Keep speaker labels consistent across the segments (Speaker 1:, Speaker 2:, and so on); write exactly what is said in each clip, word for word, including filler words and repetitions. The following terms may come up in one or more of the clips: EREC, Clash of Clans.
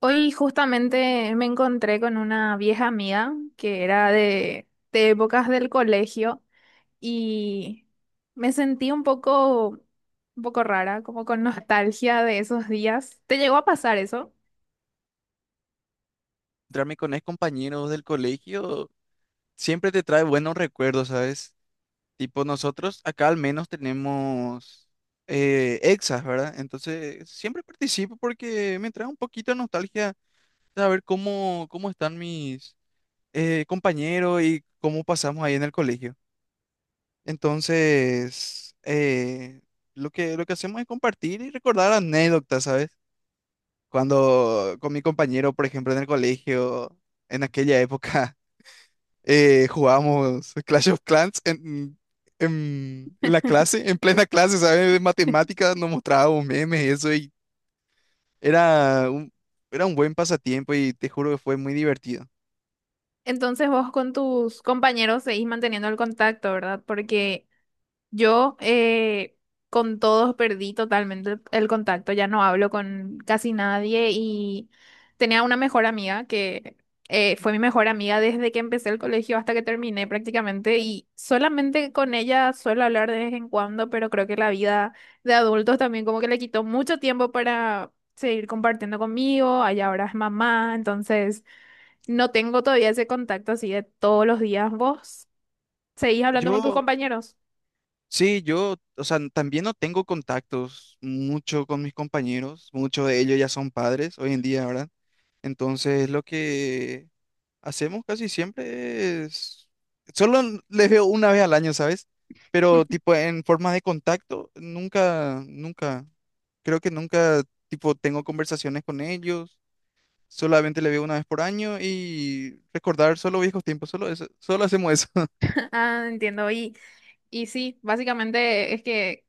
Speaker 1: Hoy justamente me encontré con una vieja amiga que era de, de épocas del colegio y me sentí un poco, un poco rara, como con nostalgia de esos días. ¿Te llegó a pasar eso?
Speaker 2: Encontrarme con ex compañeros del colegio siempre te trae buenos recuerdos, ¿sabes? Tipo, nosotros acá al menos tenemos eh, exas, ¿verdad? Entonces, siempre participo porque me trae un poquito de nostalgia saber cómo, cómo están mis eh, compañeros y cómo pasamos ahí en el colegio. Entonces, eh, lo que, lo que hacemos es compartir y recordar anécdotas, ¿sabes? Cuando con mi compañero, por ejemplo, en el colegio, en aquella época, eh, jugábamos Clash of Clans en, en, en la clase, en plena clase, ¿sabes? De matemáticas, nos mostrábamos memes y eso, y era un, era un buen pasatiempo y te juro que fue muy divertido.
Speaker 1: Entonces vos con tus compañeros seguís manteniendo el contacto, ¿verdad? Porque yo, eh, con todos perdí totalmente el el contacto, ya no hablo con casi nadie y tenía una mejor amiga que eh, fue mi mejor amiga desde que empecé el colegio hasta que terminé prácticamente y solamente con ella suelo hablar de vez en cuando, pero creo que la vida de adultos también como que le quitó mucho tiempo para seguir compartiendo conmigo, allá ahora es mamá, entonces no tengo todavía ese contacto así de todos los días. ¿Vos seguís hablando con tus
Speaker 2: Yo,
Speaker 1: compañeros?
Speaker 2: sí, yo, o sea, también no tengo contactos mucho con mis compañeros, muchos de ellos ya son padres hoy en día, ¿verdad? Entonces, lo que hacemos casi siempre es... Solo les veo una vez al año, ¿sabes? Pero tipo en forma de contacto, nunca, nunca, creo que nunca, tipo, tengo conversaciones con ellos. Solamente les veo una vez por año y recordar solo viejos tiempos, solo eso, solo hacemos eso.
Speaker 1: Ah, entiendo. Y, y sí, básicamente es que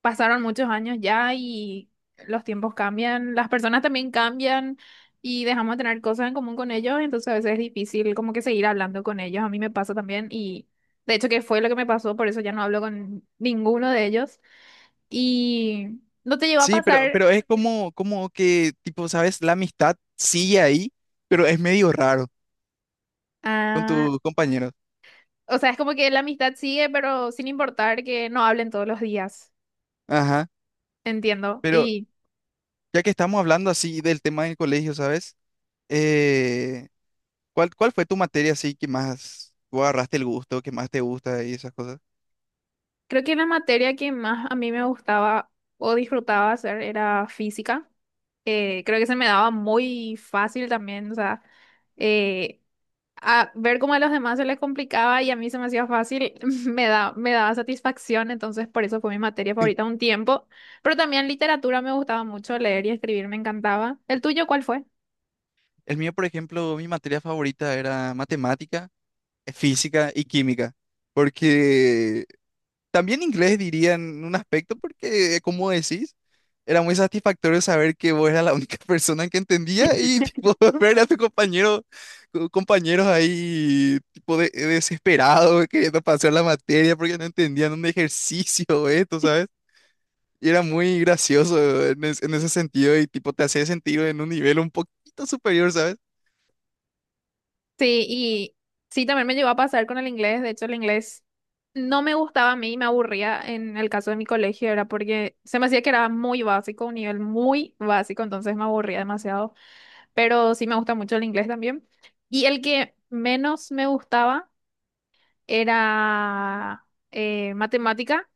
Speaker 1: pasaron muchos años ya y los tiempos cambian, las personas también cambian y dejamos de tener cosas en común con ellos, entonces a veces es difícil como que seguir hablando con ellos. A mí me pasa también y de hecho que fue lo que me pasó, por eso ya no hablo con ninguno de ellos. Y no te llegó a
Speaker 2: Sí, pero,
Speaker 1: pasar,
Speaker 2: pero es como, como que, tipo, ¿sabes? La amistad sigue ahí, pero es medio raro con
Speaker 1: ah,
Speaker 2: tus compañeros.
Speaker 1: o sea, es como que la amistad sigue, pero sin importar que no hablen todos los días.
Speaker 2: Ajá.
Speaker 1: Entiendo.
Speaker 2: Pero
Speaker 1: Y
Speaker 2: ya que estamos hablando así del tema del colegio, ¿sabes? Eh, ¿Cuál, cuál fue tu materia así que más tú agarraste el gusto, que más te gusta y esas cosas?
Speaker 1: creo que la materia que más a mí me gustaba o disfrutaba hacer era física. Eh, creo que se me daba muy fácil también, o sea, eh, a ver cómo a los demás se les complicaba y a mí se me hacía fácil, me da, me daba satisfacción, entonces por eso fue mi materia favorita un tiempo. Pero también literatura me gustaba mucho, leer y escribir me encantaba. ¿El tuyo cuál fue?
Speaker 2: El mío, por ejemplo, mi materia favorita era matemática, eh, física y química, porque también inglés diría en un aspecto, porque como decís, era muy satisfactorio saber que vos eras la única persona que entendía y tipo, ver a tus compañeros compañeros ahí tipo de, desesperados queriendo pasar la materia porque no entendían un ejercicio, o esto, ¿sabes? Y era muy gracioso en, es- en ese sentido y tipo te hacía sentir en un nivel un poquito superior, ¿sabes?
Speaker 1: Sí, y sí, también me llegó a pasar con el inglés. De hecho, el inglés no me gustaba a mí, me aburría en el caso de mi colegio, era porque se me hacía que era muy básico, un nivel muy básico, entonces me aburría demasiado. Pero sí me gusta mucho el inglés también. Y el que menos me gustaba era eh, matemática,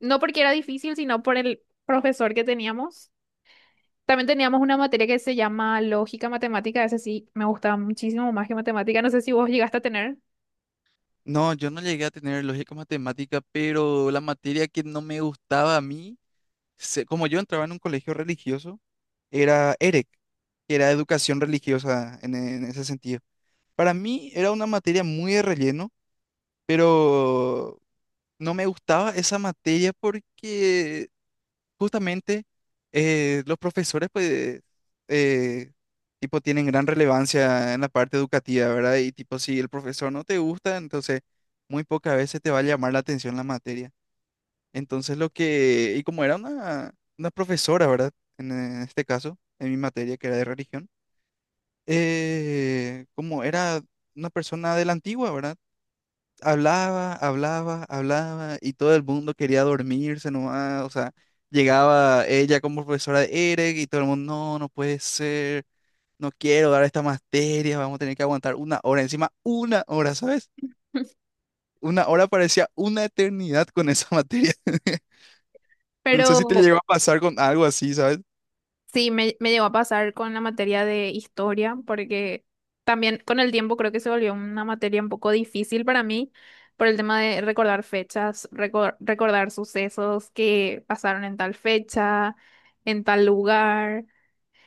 Speaker 1: no porque era difícil, sino por el profesor que teníamos. También teníamos una materia que se llama lógica matemática, ese sí me gustaba muchísimo más que matemática. No sé si vos llegaste a tener.
Speaker 2: No, yo no llegué a tener lógica matemática, pero la materia que no me gustaba a mí, se- como yo entraba en un colegio religioso, era EREC, que era educación religiosa en, en ese sentido. Para mí era una materia muy de relleno, pero no me gustaba esa materia porque justamente eh, los profesores, pues, eh, tipo, tienen gran relevancia en la parte educativa, ¿verdad? Y tipo, si el profesor no te gusta, entonces muy pocas veces te va a llamar la atención la materia. Entonces, lo que, y como era una, una profesora, ¿verdad? En, eh, este caso, en mi materia, que era de religión, eh, como era una persona de la antigua, ¿verdad? hablaba, hablaba, hablaba y todo el mundo quería dormirse nomás, o sea, llegaba ella como profesora de Eric y todo el mundo, no, no puede ser, no quiero dar esta materia, vamos a tener que aguantar una hora, encima una hora, ¿sabes? Una hora parecía una eternidad con esa materia. No
Speaker 1: Pero
Speaker 2: sé si te llegó a pasar con algo así, ¿sabes?
Speaker 1: sí, me, me llegó a pasar con la materia de historia, porque también con el tiempo creo que se volvió una materia un poco difícil para mí por el tema de recordar fechas, recor- recordar sucesos que pasaron en tal fecha, en tal lugar.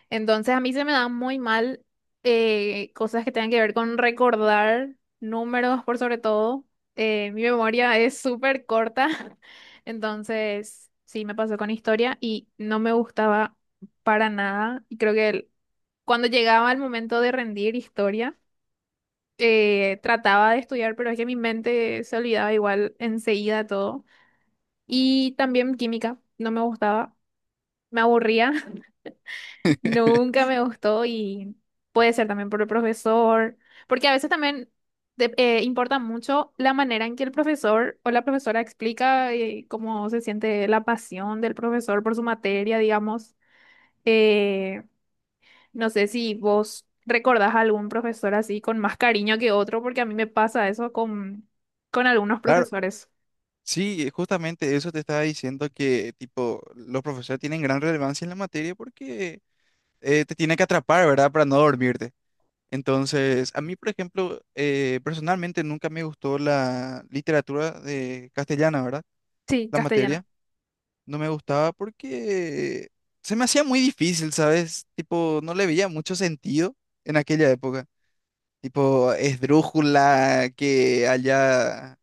Speaker 1: Entonces a mí se me dan muy mal eh, cosas que tengan que ver con recordar números por sobre todo. Eh, mi memoria es súper corta, entonces sí me pasó con historia y no me gustaba para nada. Y creo que el- cuando llegaba el momento de rendir historia, eh, trataba de estudiar, pero es que mi mente se olvidaba igual enseguida todo. Y también química, no me gustaba, me aburría. Nunca me gustó y puede ser también por el profesor, porque a veces también de- eh, importa mucho la manera en que el profesor o la profesora explica eh, cómo se siente la pasión del profesor por su materia, digamos. Eh, no sé si vos recordás a algún profesor así con más cariño que otro, porque a mí me pasa eso con, con algunos
Speaker 2: Claro,
Speaker 1: profesores.
Speaker 2: sí, justamente eso te estaba diciendo que, tipo, los profesores tienen gran relevancia en la materia porque eh, te tienen que atrapar, ¿verdad? Para no dormirte. Entonces, a mí, por ejemplo, eh, personalmente nunca me gustó la literatura de castellana, ¿verdad?
Speaker 1: Sí,
Speaker 2: La
Speaker 1: castellano.
Speaker 2: materia. No me gustaba porque se me hacía muy difícil, ¿sabes? Tipo, no le veía mucho sentido en aquella época. Tipo, esdrújula, que allá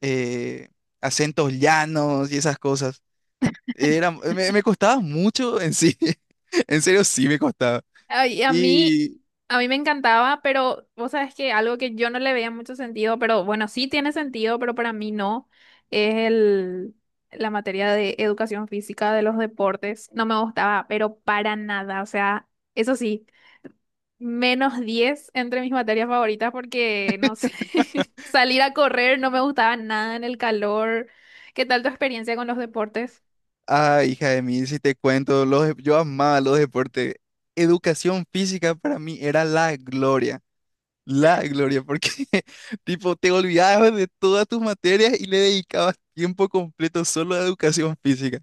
Speaker 2: eh, acentos llanos y esas cosas. Era, me, me costaba mucho en sí. En serio, sí me costaba.
Speaker 1: Ay, a mí, a mí me encantaba, pero vos sabes que algo que yo no le veía mucho sentido, pero bueno, sí tiene sentido, pero para mí no, es el, la materia de educación física de los deportes. No me gustaba, pero para nada. O sea, eso sí, menos diez entre mis materias favoritas porque, no sé, salir a correr no me gustaba nada en el calor. ¿Qué tal tu experiencia con los deportes?
Speaker 2: Ah, hija de mí, si te cuento, los, dep- yo amaba los deportes. Educación física para mí era la gloria, la gloria, porque tipo te olvidabas de todas tus materias y le dedicabas tiempo completo solo a educación física.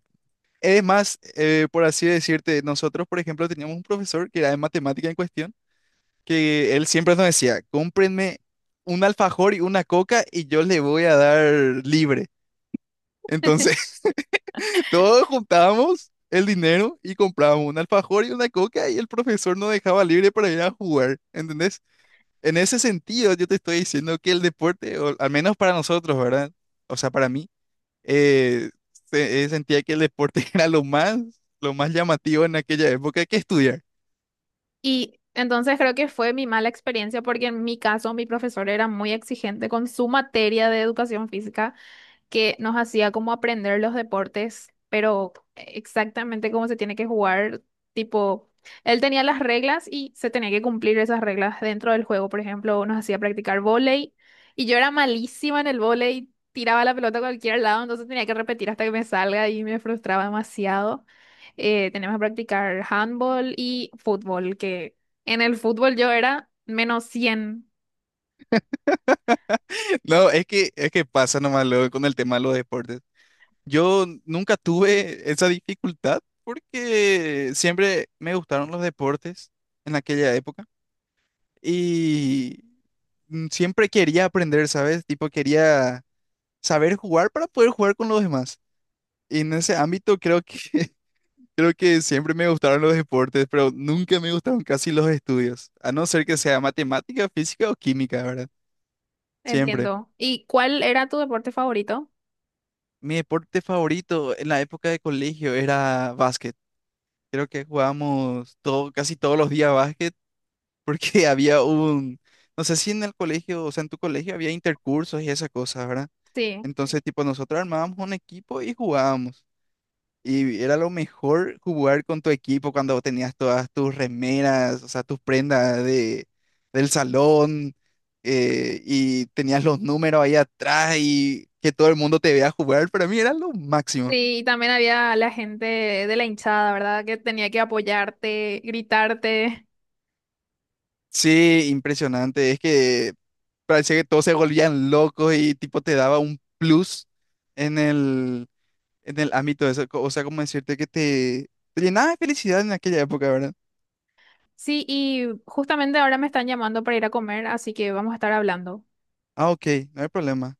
Speaker 2: Es más, eh, por así decirte, nosotros, por ejemplo, teníamos un profesor que era de matemática en cuestión, que él siempre nos decía, cómprenme un alfajor y una coca y yo le voy a dar libre. Entonces... Todos juntábamos el dinero y comprábamos un alfajor y una coca y el profesor nos dejaba libre para ir a jugar, ¿entendés? En ese sentido, yo te estoy diciendo que el deporte, o al menos para nosotros, ¿verdad? O sea, para mí, eh, se- eh, sentía que el deporte era lo más, lo más llamativo en aquella época que estudiar.
Speaker 1: Y entonces creo que fue mi mala experiencia porque en mi caso mi profesor era muy exigente con su materia de educación física que nos hacía como aprender los deportes, pero exactamente cómo se tiene que jugar, tipo, él tenía las reglas y se tenía que cumplir esas reglas dentro del juego, por ejemplo, nos hacía practicar vóley y yo era malísima en el vóley, tiraba la pelota a cualquier lado, entonces tenía que repetir hasta que me salga y me frustraba demasiado. Eh, teníamos que practicar handball y fútbol, que en el fútbol yo era menos cien,
Speaker 2: No, es que, es que pasa nomás luego con el tema de los deportes. Yo nunca tuve esa dificultad porque siempre me gustaron los deportes en aquella época. Y mm, siempre quería aprender, ¿sabes? Tipo, quería saber jugar para poder jugar con los demás. Y en ese ámbito creo que creo que siempre me gustaron los deportes, pero nunca me gustaron casi los estudios, a no ser que sea matemática, física o química, ¿verdad? Siempre.
Speaker 1: entiendo. ¿Y cuál era tu deporte favorito?
Speaker 2: Mi deporte favorito en la época de colegio era básquet. Creo que jugábamos todo, casi todos los días básquet porque había un, no sé si en el colegio, o sea, en tu colegio había intercursos y esas cosas, ¿verdad?
Speaker 1: Sí.
Speaker 2: Entonces, tipo, nosotros armábamos un equipo y jugábamos. Y era lo mejor jugar con tu equipo cuando tenías todas tus remeras, o sea, tus prendas de, del salón, eh, y tenías los números ahí atrás y que todo el mundo te vea jugar. Para mí era lo máximo.
Speaker 1: Sí, y también había la gente de la hinchada, ¿verdad? Que tenía que apoyarte, gritarte.
Speaker 2: Sí, impresionante. Es que parecía que todos se volvían locos y tipo te daba un plus en el, en el ámbito de eso. co- O sea, como decirte que te, te llenaba de felicidad en aquella época, ¿verdad?
Speaker 1: Sí, y justamente ahora me están llamando para ir a comer, así que vamos a estar hablando.
Speaker 2: Ah, ok, no hay problema.